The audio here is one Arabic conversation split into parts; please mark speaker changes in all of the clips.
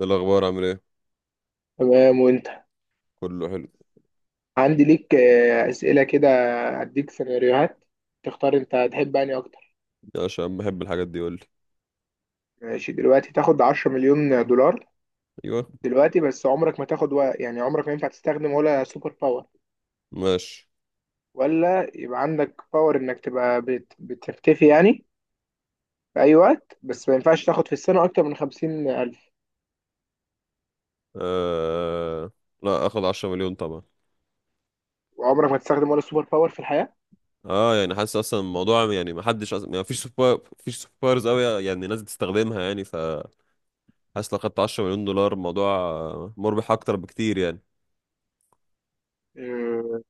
Speaker 1: إيه الأخبار عامل ايه؟
Speaker 2: تمام وانت.
Speaker 1: كله حلو.
Speaker 2: عندي ليك اسئله كده. اديك سيناريوهات تختار انت هتحب اني اكتر.
Speaker 1: عشان بحب الحاجات دي قولي.
Speaker 2: ماشي، دلوقتي تاخد 10 مليون دولار
Speaker 1: أيوه.
Speaker 2: دلوقتي، بس عمرك ما تاخد و... يعني عمرك ما ينفع تستخدم ولا سوبر باور،
Speaker 1: ماشي.
Speaker 2: ولا يبقى عندك باور انك تبقى بتختفي يعني في اي وقت، بس ما ينفعش تاخد في السنه اكتر من 50 الف،
Speaker 1: آه... لا، أخد عشرة مليون طبعا.
Speaker 2: وعمرك ما تستخدم ولا سوبر باور في الحياه.
Speaker 1: اه يعني حاسس اصلا الموضوع، يعني ما حدش أصلا يعني مفيش سوبر، مفيش سوبرز قوي يعني الناس بتستخدمها يعني، فحاسس لو خدت 10 مليون دولار الموضوع مربح اكتر بكتير يعني.
Speaker 2: آه،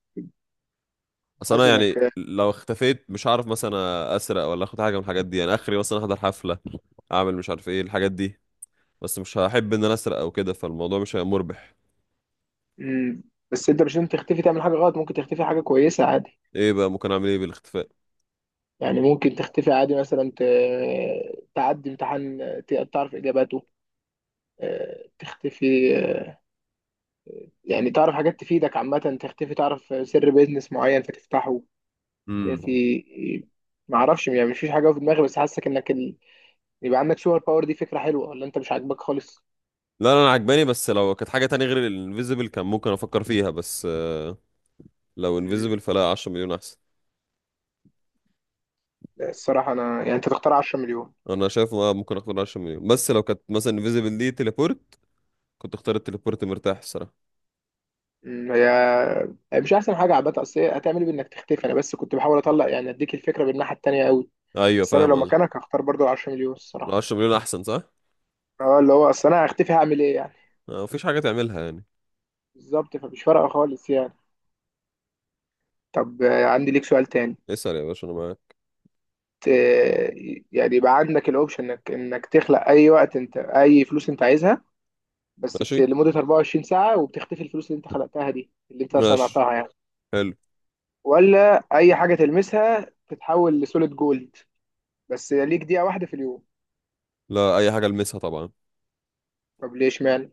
Speaker 1: اصل انا
Speaker 2: حاسس
Speaker 1: يعني
Speaker 2: انك
Speaker 1: لو اختفيت مش هعرف مثلا اسرق ولا اخد حاجه من الحاجات دي، يعني اخري مثلا احضر حفله، اعمل مش عارف ايه الحاجات دي. بس مش هحب ان انا اسرق او كده، فالموضوع مش هيبقى مربح.
Speaker 2: مم، بس انت مش لازم تختفي تعمل حاجه غلط، ممكن تختفي حاجه كويسه عادي.
Speaker 1: ايه بقى ممكن اعمل ايه بالاختفاء؟
Speaker 2: يعني ممكن تختفي عادي، مثلا تعدي امتحان، تعرف إجاباته، تختفي، يعني تعرف حاجات تفيدك عامة، تختفي تعرف سر بيزنس معين فتفتحه.
Speaker 1: امم.
Speaker 2: في، معرفش يعني، مفيش حاجة في دماغي، بس حاسك إنك يبقى عندك سوبر باور. دي فكرة حلوة ولا أنت مش عاجباك خالص؟
Speaker 1: لا لا انا عجباني، بس لو كانت حاجة تانية غير الانفيزبل كان ممكن افكر فيها، بس لو
Speaker 2: مم.
Speaker 1: انفيزبل فلا، 10 مليون احسن.
Speaker 2: لا، الصراحة أنا يعني أنت تختار 10 مليون.
Speaker 1: انا شايف ممكن اختار 10 مليون، بس لو كانت مثلا انفيزبل دي تليبورت كنت اختار التليبورت مرتاح الصراحة.
Speaker 2: مم، هي مش أحسن حاجة عامة، أصل هي هتعمل إيه بإنك تختفي. أنا بس كنت بحاول أطلع يعني أديك الفكرة بالناحية التانية أوي.
Speaker 1: ايوه
Speaker 2: بس أنا
Speaker 1: فاهم
Speaker 2: لو
Speaker 1: قصدي.
Speaker 2: مكانك هختار برضو 10 مليون الصراحة.
Speaker 1: 10 مليون احسن صح.
Speaker 2: اه، اللي هو اصل انا هختفي هعمل ايه يعني.
Speaker 1: مفيش حاجة تعملها يعني.
Speaker 2: بالظبط، فمش فارقه خالص يعني. طب عندي ليك سؤال تاني.
Speaker 1: اسأل يا باشا انا معاك.
Speaker 2: ت- يعني يبقى عندك الاوبشن انك تخلق اي وقت انت اي فلوس انت عايزها، بس
Speaker 1: ماشي.
Speaker 2: لمده 24 ساعه وبتختفي الفلوس اللي انت خلقتها دي اللي انت
Speaker 1: ماشي.
Speaker 2: صنعتها يعني.
Speaker 1: حلو.
Speaker 2: ولا اي حاجه تلمسها تتحول لسوليد جولد، بس ليك دقيقه واحده في اليوم.
Speaker 1: لا اي حاجة المسها طبعا.
Speaker 2: طب ليش مان.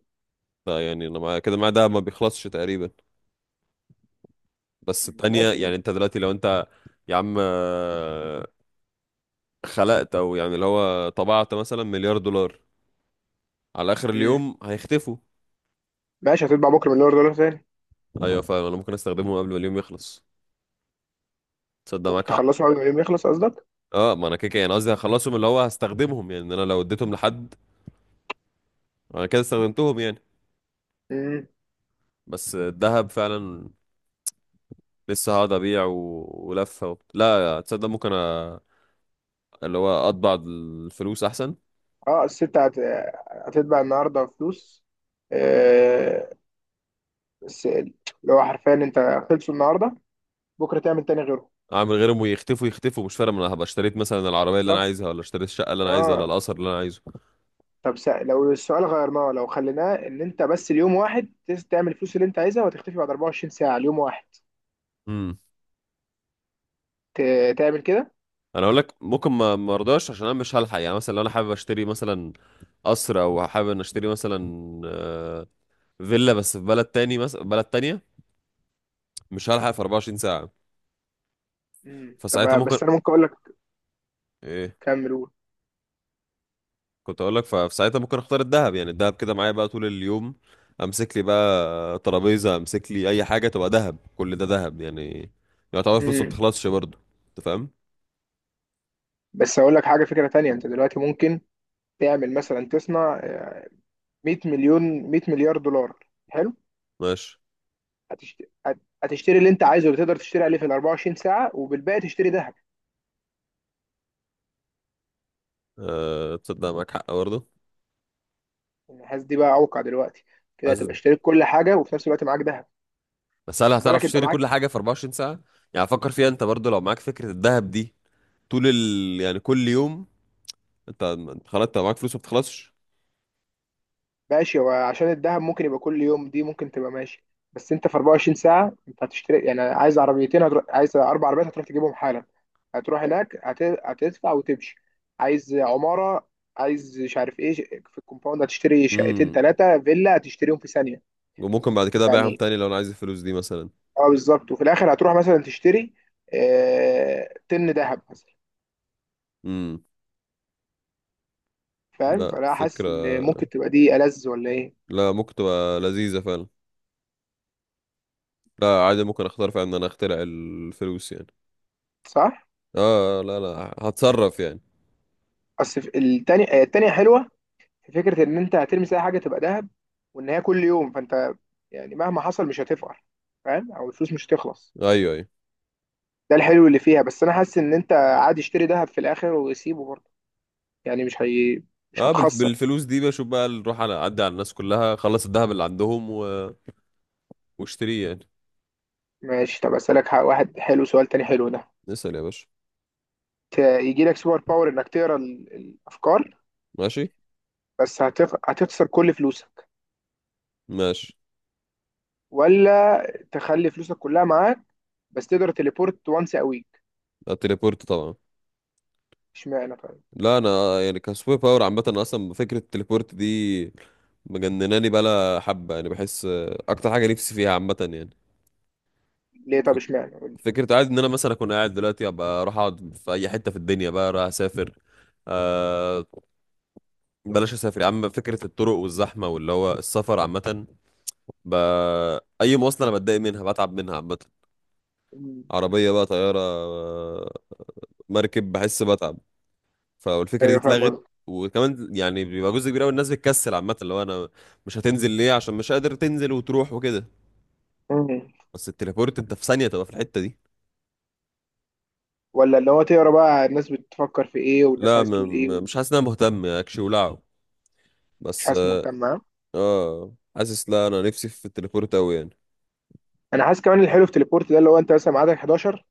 Speaker 1: لا يعني انا معايا كده، معايا ده ما بيخلصش تقريبا، بس التانية
Speaker 2: ماشي.
Speaker 1: يعني انت دلوقتي لو انت، يا عم خلقت او يعني اللي هو طبعت مثلا مليار دولار، على اخر
Speaker 2: مم.
Speaker 1: اليوم هيختفوا.
Speaker 2: ماشي، هتطبع بكره مليار دولار تاني.
Speaker 1: ايوه فاهم، انا ممكن استخدمهم قبل ما اليوم يخلص. تصدق
Speaker 2: ممكن
Speaker 1: معاك حق.
Speaker 2: تخلصه قبل ما اليوم يخلص.
Speaker 1: اه ما انا كده كده يعني قصدي هخلصهم، اللي هو هستخدمهم يعني، إن انا لو اديتهم لحد انا كده استخدمتهم يعني.
Speaker 2: قصدك.
Speaker 1: بس الذهب فعلا لسه هقعد ابيع و... ولفه و... لا تصدق، اللي هو اطبع الفلوس احسن.
Speaker 2: اه، الست هتتبع النهارده فلوس. آه، بس اللي هو حرفيا انت خلصوا النهارده، بكره تعمل تاني غيره.
Speaker 1: اعمل غيرهم ويختفوا، يختفوا مش فارق، ما انا هبقى اشتريت مثلا العربيه اللي انا
Speaker 2: بالظبط.
Speaker 1: عايزها، ولا اشتريت الشقه اللي انا عايزها، ولا
Speaker 2: اه.
Speaker 1: القصر اللي انا
Speaker 2: طب لو السؤال غيرناه، لو خليناه ان انت بس اليوم واحد تعمل الفلوس اللي انت عايزها وتختفي بعد 24 ساعه، اليوم واحد
Speaker 1: عايزه.
Speaker 2: ت... تعمل كده.
Speaker 1: انا اقول لك ممكن ما مرضاش، عشان انا مش هلحق يعني، مثلا لو انا حابب اشتري مثلا قصر، او حابب ان اشتري مثلا آه، فيلا بس في بلد تاني، مثلا بلد تانية، مش هلحق في 24 ساعة.
Speaker 2: امم، طب
Speaker 1: فساعتها ممكن.
Speaker 2: بس انا ممكن اقول لك.
Speaker 1: ايه؟
Speaker 2: كمل قول.
Speaker 1: كنت اقول لك فساعتها ممكن اختار الذهب، يعني الذهب كده معايا بقى طول اليوم. امسك لي بقى ترابيزة، امسك لي اي حاجة تبقى ذهب، كل ده ذهب يعني، يعتبر فلوسه ما
Speaker 2: امم،
Speaker 1: بتخلصش برضه. انت فاهم.
Speaker 2: بس اقول لك حاجه، فكره تانية. انت دلوقتي ممكن تعمل مثلا، تصنع 100 مليون، 100 مليار دولار، حلو.
Speaker 1: ماشي.
Speaker 2: هتشتري، هتشتري اللي انت عايزه اللي تقدر تشتري عليه في ال 24 ساعة، وبالباقي تشتري ذهب.
Speaker 1: أه تصدق معاك حق برضه.
Speaker 2: النحاس دي بقى اوقع دلوقتي. كده
Speaker 1: حاسس.
Speaker 2: هتبقى اشتريت كل حاجة وفي نفس الوقت معاك ذهب.
Speaker 1: بس
Speaker 2: بس
Speaker 1: هل
Speaker 2: خد
Speaker 1: هتعرف
Speaker 2: بالك انت
Speaker 1: تشتري
Speaker 2: معاك.
Speaker 1: كل حاجة في 24 ساعة؟ يعني فكر فيها انت برضو، لو معاك فكرة الذهب دي يعني كل يوم انت، انت خلاص انت معاك فلوس ما بتخلصش.
Speaker 2: ماشي، هو عشان الذهب ممكن يبقى كل يوم، دي ممكن تبقى ماشي. بس انت في 24 ساعة انت هتشتري يعني، عايز عربيتين هتروح، عايز اربع عربيات هتروح تجيبهم حالا، هتروح هناك هتدفع وتمشي، عايز عمارة، عايز مش عارف ايه، في الكومباوند هتشتري شقتين
Speaker 1: امم.
Speaker 2: ثلاثة فيلا هتشتريهم في ثانية
Speaker 1: وممكن بعد كده ابيعهم
Speaker 2: يعني.
Speaker 1: تاني لو انا عايز الفلوس دي مثلا.
Speaker 2: اه بالظبط، وفي الاخر هتروح مثلا تشتري آه طن ذهب مثلا.
Speaker 1: امم.
Speaker 2: فاهم،
Speaker 1: لا
Speaker 2: فانا حاسس
Speaker 1: فكرة.
Speaker 2: ان ممكن تبقى دي ألذ ولا ايه.
Speaker 1: لا ممكن تبقى لذيذة فعلا. لا عادي ممكن اختار فعلا ان انا اخترع الفلوس يعني.
Speaker 2: صح.
Speaker 1: اه لا لا، هتصرف يعني.
Speaker 2: اصل التانية التانية حلوة، في فكرة ان انت هتلمس اي حاجة تبقى ذهب، وان هي كل يوم، فانت يعني مهما حصل مش هتفقر، فاهم، او الفلوس مش هتخلص.
Speaker 1: ايوه ايوه.
Speaker 2: ده الحلو اللي فيها، بس انا حاسس ان انت عادي اشتري ذهب في الاخر وسيبه برضه، يعني مش هي، مش هتخسر.
Speaker 1: بالفلوس دي بشوف بقى نروح على اعدي على الناس كلها، خلص الذهب اللي عندهم واشتريه يعني.
Speaker 2: ماشي، طب اسالك واحد حلو، سؤال تاني حلو ده.
Speaker 1: اسأل يا باشا.
Speaker 2: يجي لك سوبر باور انك تقرا الافكار،
Speaker 1: ماشي.
Speaker 2: بس هتخسر كل فلوسك،
Speaker 1: ماشي.
Speaker 2: ولا تخلي فلوسك كلها معاك بس تقدر تليبورت وانس ا ويك.
Speaker 1: التليبورت طبعا.
Speaker 2: اشمعنى طيب.
Speaker 1: لا انا يعني كسوبر باور عامه، أنا اصلا فكره التليبورت دي مجنناني بقى حبه يعني، بحس اكتر حاجه نفسي فيها عامه يعني.
Speaker 2: ليه، طب اشمعنى قول لي.
Speaker 1: فكره عادي ان انا مثلا اكون قاعد دلوقتي، ابقى اروح اقعد في اي حته في الدنيا، بقى رايح اسافر. آه، بلاش اسافر يا عم، فكره الطرق والزحمه واللي هو السفر عامه. ب... اي مواصله انا بتضايق منها، بتعب منها عامه.
Speaker 2: مم.
Speaker 1: عربيه، بقى طياره، مركب، بحس بتعب. فالفكره دي
Speaker 2: ايوه فاهم
Speaker 1: اتلغت.
Speaker 2: قصدك.
Speaker 1: وكمان يعني بيبقى جزء كبير قوي الناس بتكسل عامه، اللي هو انا مش هتنزل ليه، عشان مش قادر تنزل وتروح وكده.
Speaker 2: مم.
Speaker 1: بس التليبورت انت في ثانيه تبقى في الحته دي.
Speaker 2: ولا اللي هو تقرا بقى الناس بتفكر في ايه والناس
Speaker 1: لا م
Speaker 2: عايز تقول ايه
Speaker 1: م مش
Speaker 2: ومش.
Speaker 1: حاسس ان انا مهتم اكشي ولعه. بس
Speaker 2: حاسس مهتم.
Speaker 1: اه، حاسس. لا انا نفسي في التليبورت قوي يعني.
Speaker 2: انا حاسس كمان الحلو في تليبورت ده اللي هو انت مثلا ميعادك 11،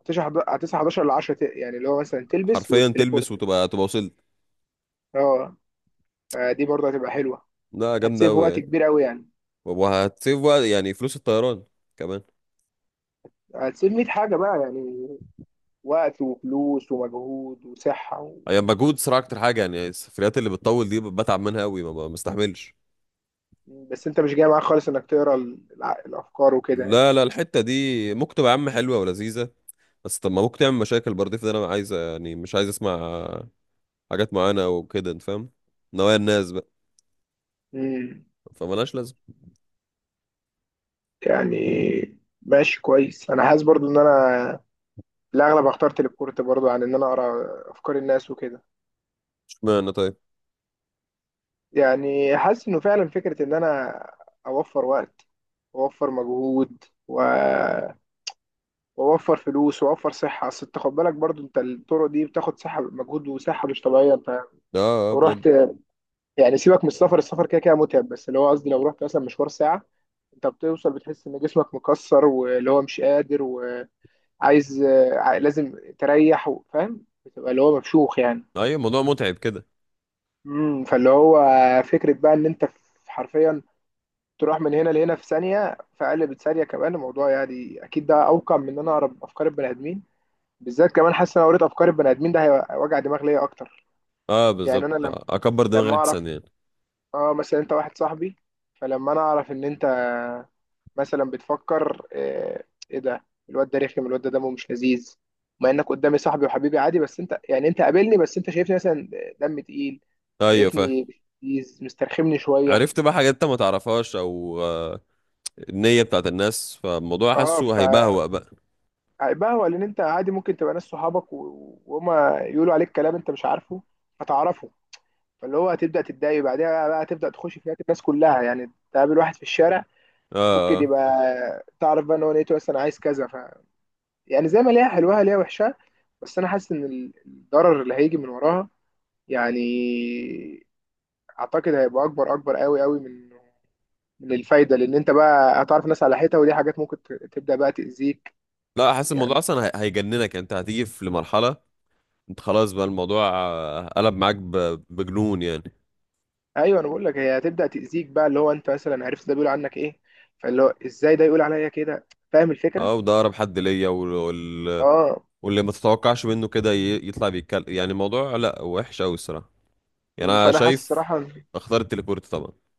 Speaker 2: هتصحى 11 ل 10 يعني، اللي هو مثلا تلبس
Speaker 1: حرفيا
Speaker 2: وتليبورت
Speaker 1: تلبس
Speaker 2: بقى.
Speaker 1: وتبقى، تبقى وصلت.
Speaker 2: اه، فدي برضه هتبقى حلوه،
Speaker 1: لا جامده
Speaker 2: هتسيف
Speaker 1: قوي
Speaker 2: وقت
Speaker 1: يعني.
Speaker 2: كبير قوي يعني،
Speaker 1: وهتسيف وقت، يعني فلوس الطيران كمان.
Speaker 2: هتسيف 100 حاجه بقى يعني، وقت وفلوس ومجهود وصحه.
Speaker 1: هي مجهود صراحه اكتر حاجه يعني، السفريات اللي بتطول دي بتعب منها قوي، ما بستحملش.
Speaker 2: بس انت مش جاي معاك خالص انك تقرا الافكار وكده يعني.
Speaker 1: لا لا، الحته دي ممكن تبقى يا عم حلوه ولذيذه، بس طب ما ممكن تعمل مشاكل برضه. في ده انا عايز يعني، مش عايز اسمع حاجات معينة وكده انت فاهم، نوايا الناس بقى،
Speaker 2: امم.
Speaker 1: فمالهاش لازمة.
Speaker 2: يعني ماشي كويس، انا حاسس برضو ان انا في الاغلب هختار تليبورت برضو عن ان انا اقرا افكار الناس وكده.
Speaker 1: اشمعنى طيب.
Speaker 2: يعني حاسس انه فعلا فكره، ان انا اوفر وقت واوفر مجهود واوفر فلوس واوفر صحه. اصل انت خد بالك برضو انت الطرق دي بتاخد صحه، مجهود وصحه مش طبيعيه، انت
Speaker 1: اه. اه
Speaker 2: لو
Speaker 1: بجد.
Speaker 2: رحت يعني، سيبك من السفر، السفر كده كده متعب، بس اللي هو قصدي لو رحت مثلا مشوار ساعة، انت بتوصل بتحس ان جسمك مكسر، واللي هو مش قادر وعايز، لازم تريح فاهم، بتبقى اللي هو مفشوخ يعني.
Speaker 1: ايوه الموضوع متعب كده.
Speaker 2: امم، فاللي هو فكرة بقى ان انت حرفيا تروح من هنا لهنا في ثانية، في اقل من ثانية كمان. الموضوع يعني اكيد ده اوقع من ان انا اقرا افكار البني ادمين، بالذات كمان حاسس ان انا لو قريت افكار البني ادمين ده هيبقى وجع دماغ ليا اكتر.
Speaker 1: اه
Speaker 2: يعني
Speaker 1: بالظبط
Speaker 2: انا لما
Speaker 1: اكبر دماغي
Speaker 2: اعرف
Speaker 1: احسن يعني.
Speaker 2: اه مثلا انت واحد صاحبي، فلما انا اعرف ان انت مثلا بتفكر ايه ده، الواد ده رخم، الواد ده دمه مش لذيذ، مع انك قدامي صاحبي وحبيبي عادي، بس انت يعني انت قابلني بس انت شايفني مثلا دم تقيل،
Speaker 1: ايوه فاهم.
Speaker 2: شايفني مش لذيذ، مسترخمني شويه.
Speaker 1: عرفت بقى حاجات انت ما تعرفهاش، او آه النية بتاعت الناس، فالموضوع
Speaker 2: اه،
Speaker 1: حاسه هيبهوأ بقى.
Speaker 2: فهيبقى هو لان انت عادي ممكن تبقى ناس صحابك وهما يقولوا عليك كلام انت مش عارفه فتعرفه. فاللي هو هتبدا تتضايق بعدها بقى، هتبدا تخش في حياه الناس كلها يعني، تقابل واحد في الشارع
Speaker 1: اه
Speaker 2: ممكن
Speaker 1: آه.
Speaker 2: يبقى تعرف بقى ان هو نيته بس انا عايز كذا. ف يعني زي ما ليها حلوها ليها وحشها، بس انا حاسس ان الضرر اللي هيجي من وراها يعني، اعتقد هيبقى اكبر اكبر قوي قوي من من الفايده، لان انت بقى هتعرف ناس على حيطه، ودي حاجات ممكن تبدا بقى تاذيك
Speaker 1: لا حاسس الموضوع
Speaker 2: يعني.
Speaker 1: اصلا هيجننك يعني، انت هتيجي في لمرحلة انت خلاص بقى الموضوع قلب معاك بجنون يعني.
Speaker 2: ايوه، انا بقول لك هي هتبدا تاذيك بقى، اللي هو انت مثلا عرفت ده بيقول عنك ايه، فاللي هو ازاي ده يقول عليا كده، فاهم الفكره؟
Speaker 1: اه وده اقرب حد ليا،
Speaker 2: اه،
Speaker 1: واللي ما تتوقعش منه كده يطلع بيتكلم. يعني الموضوع لا وحش قوي الصراحه، يعني انا
Speaker 2: فانا حاسس
Speaker 1: شايف
Speaker 2: صراحه.
Speaker 1: اختار التليبورت طبعا.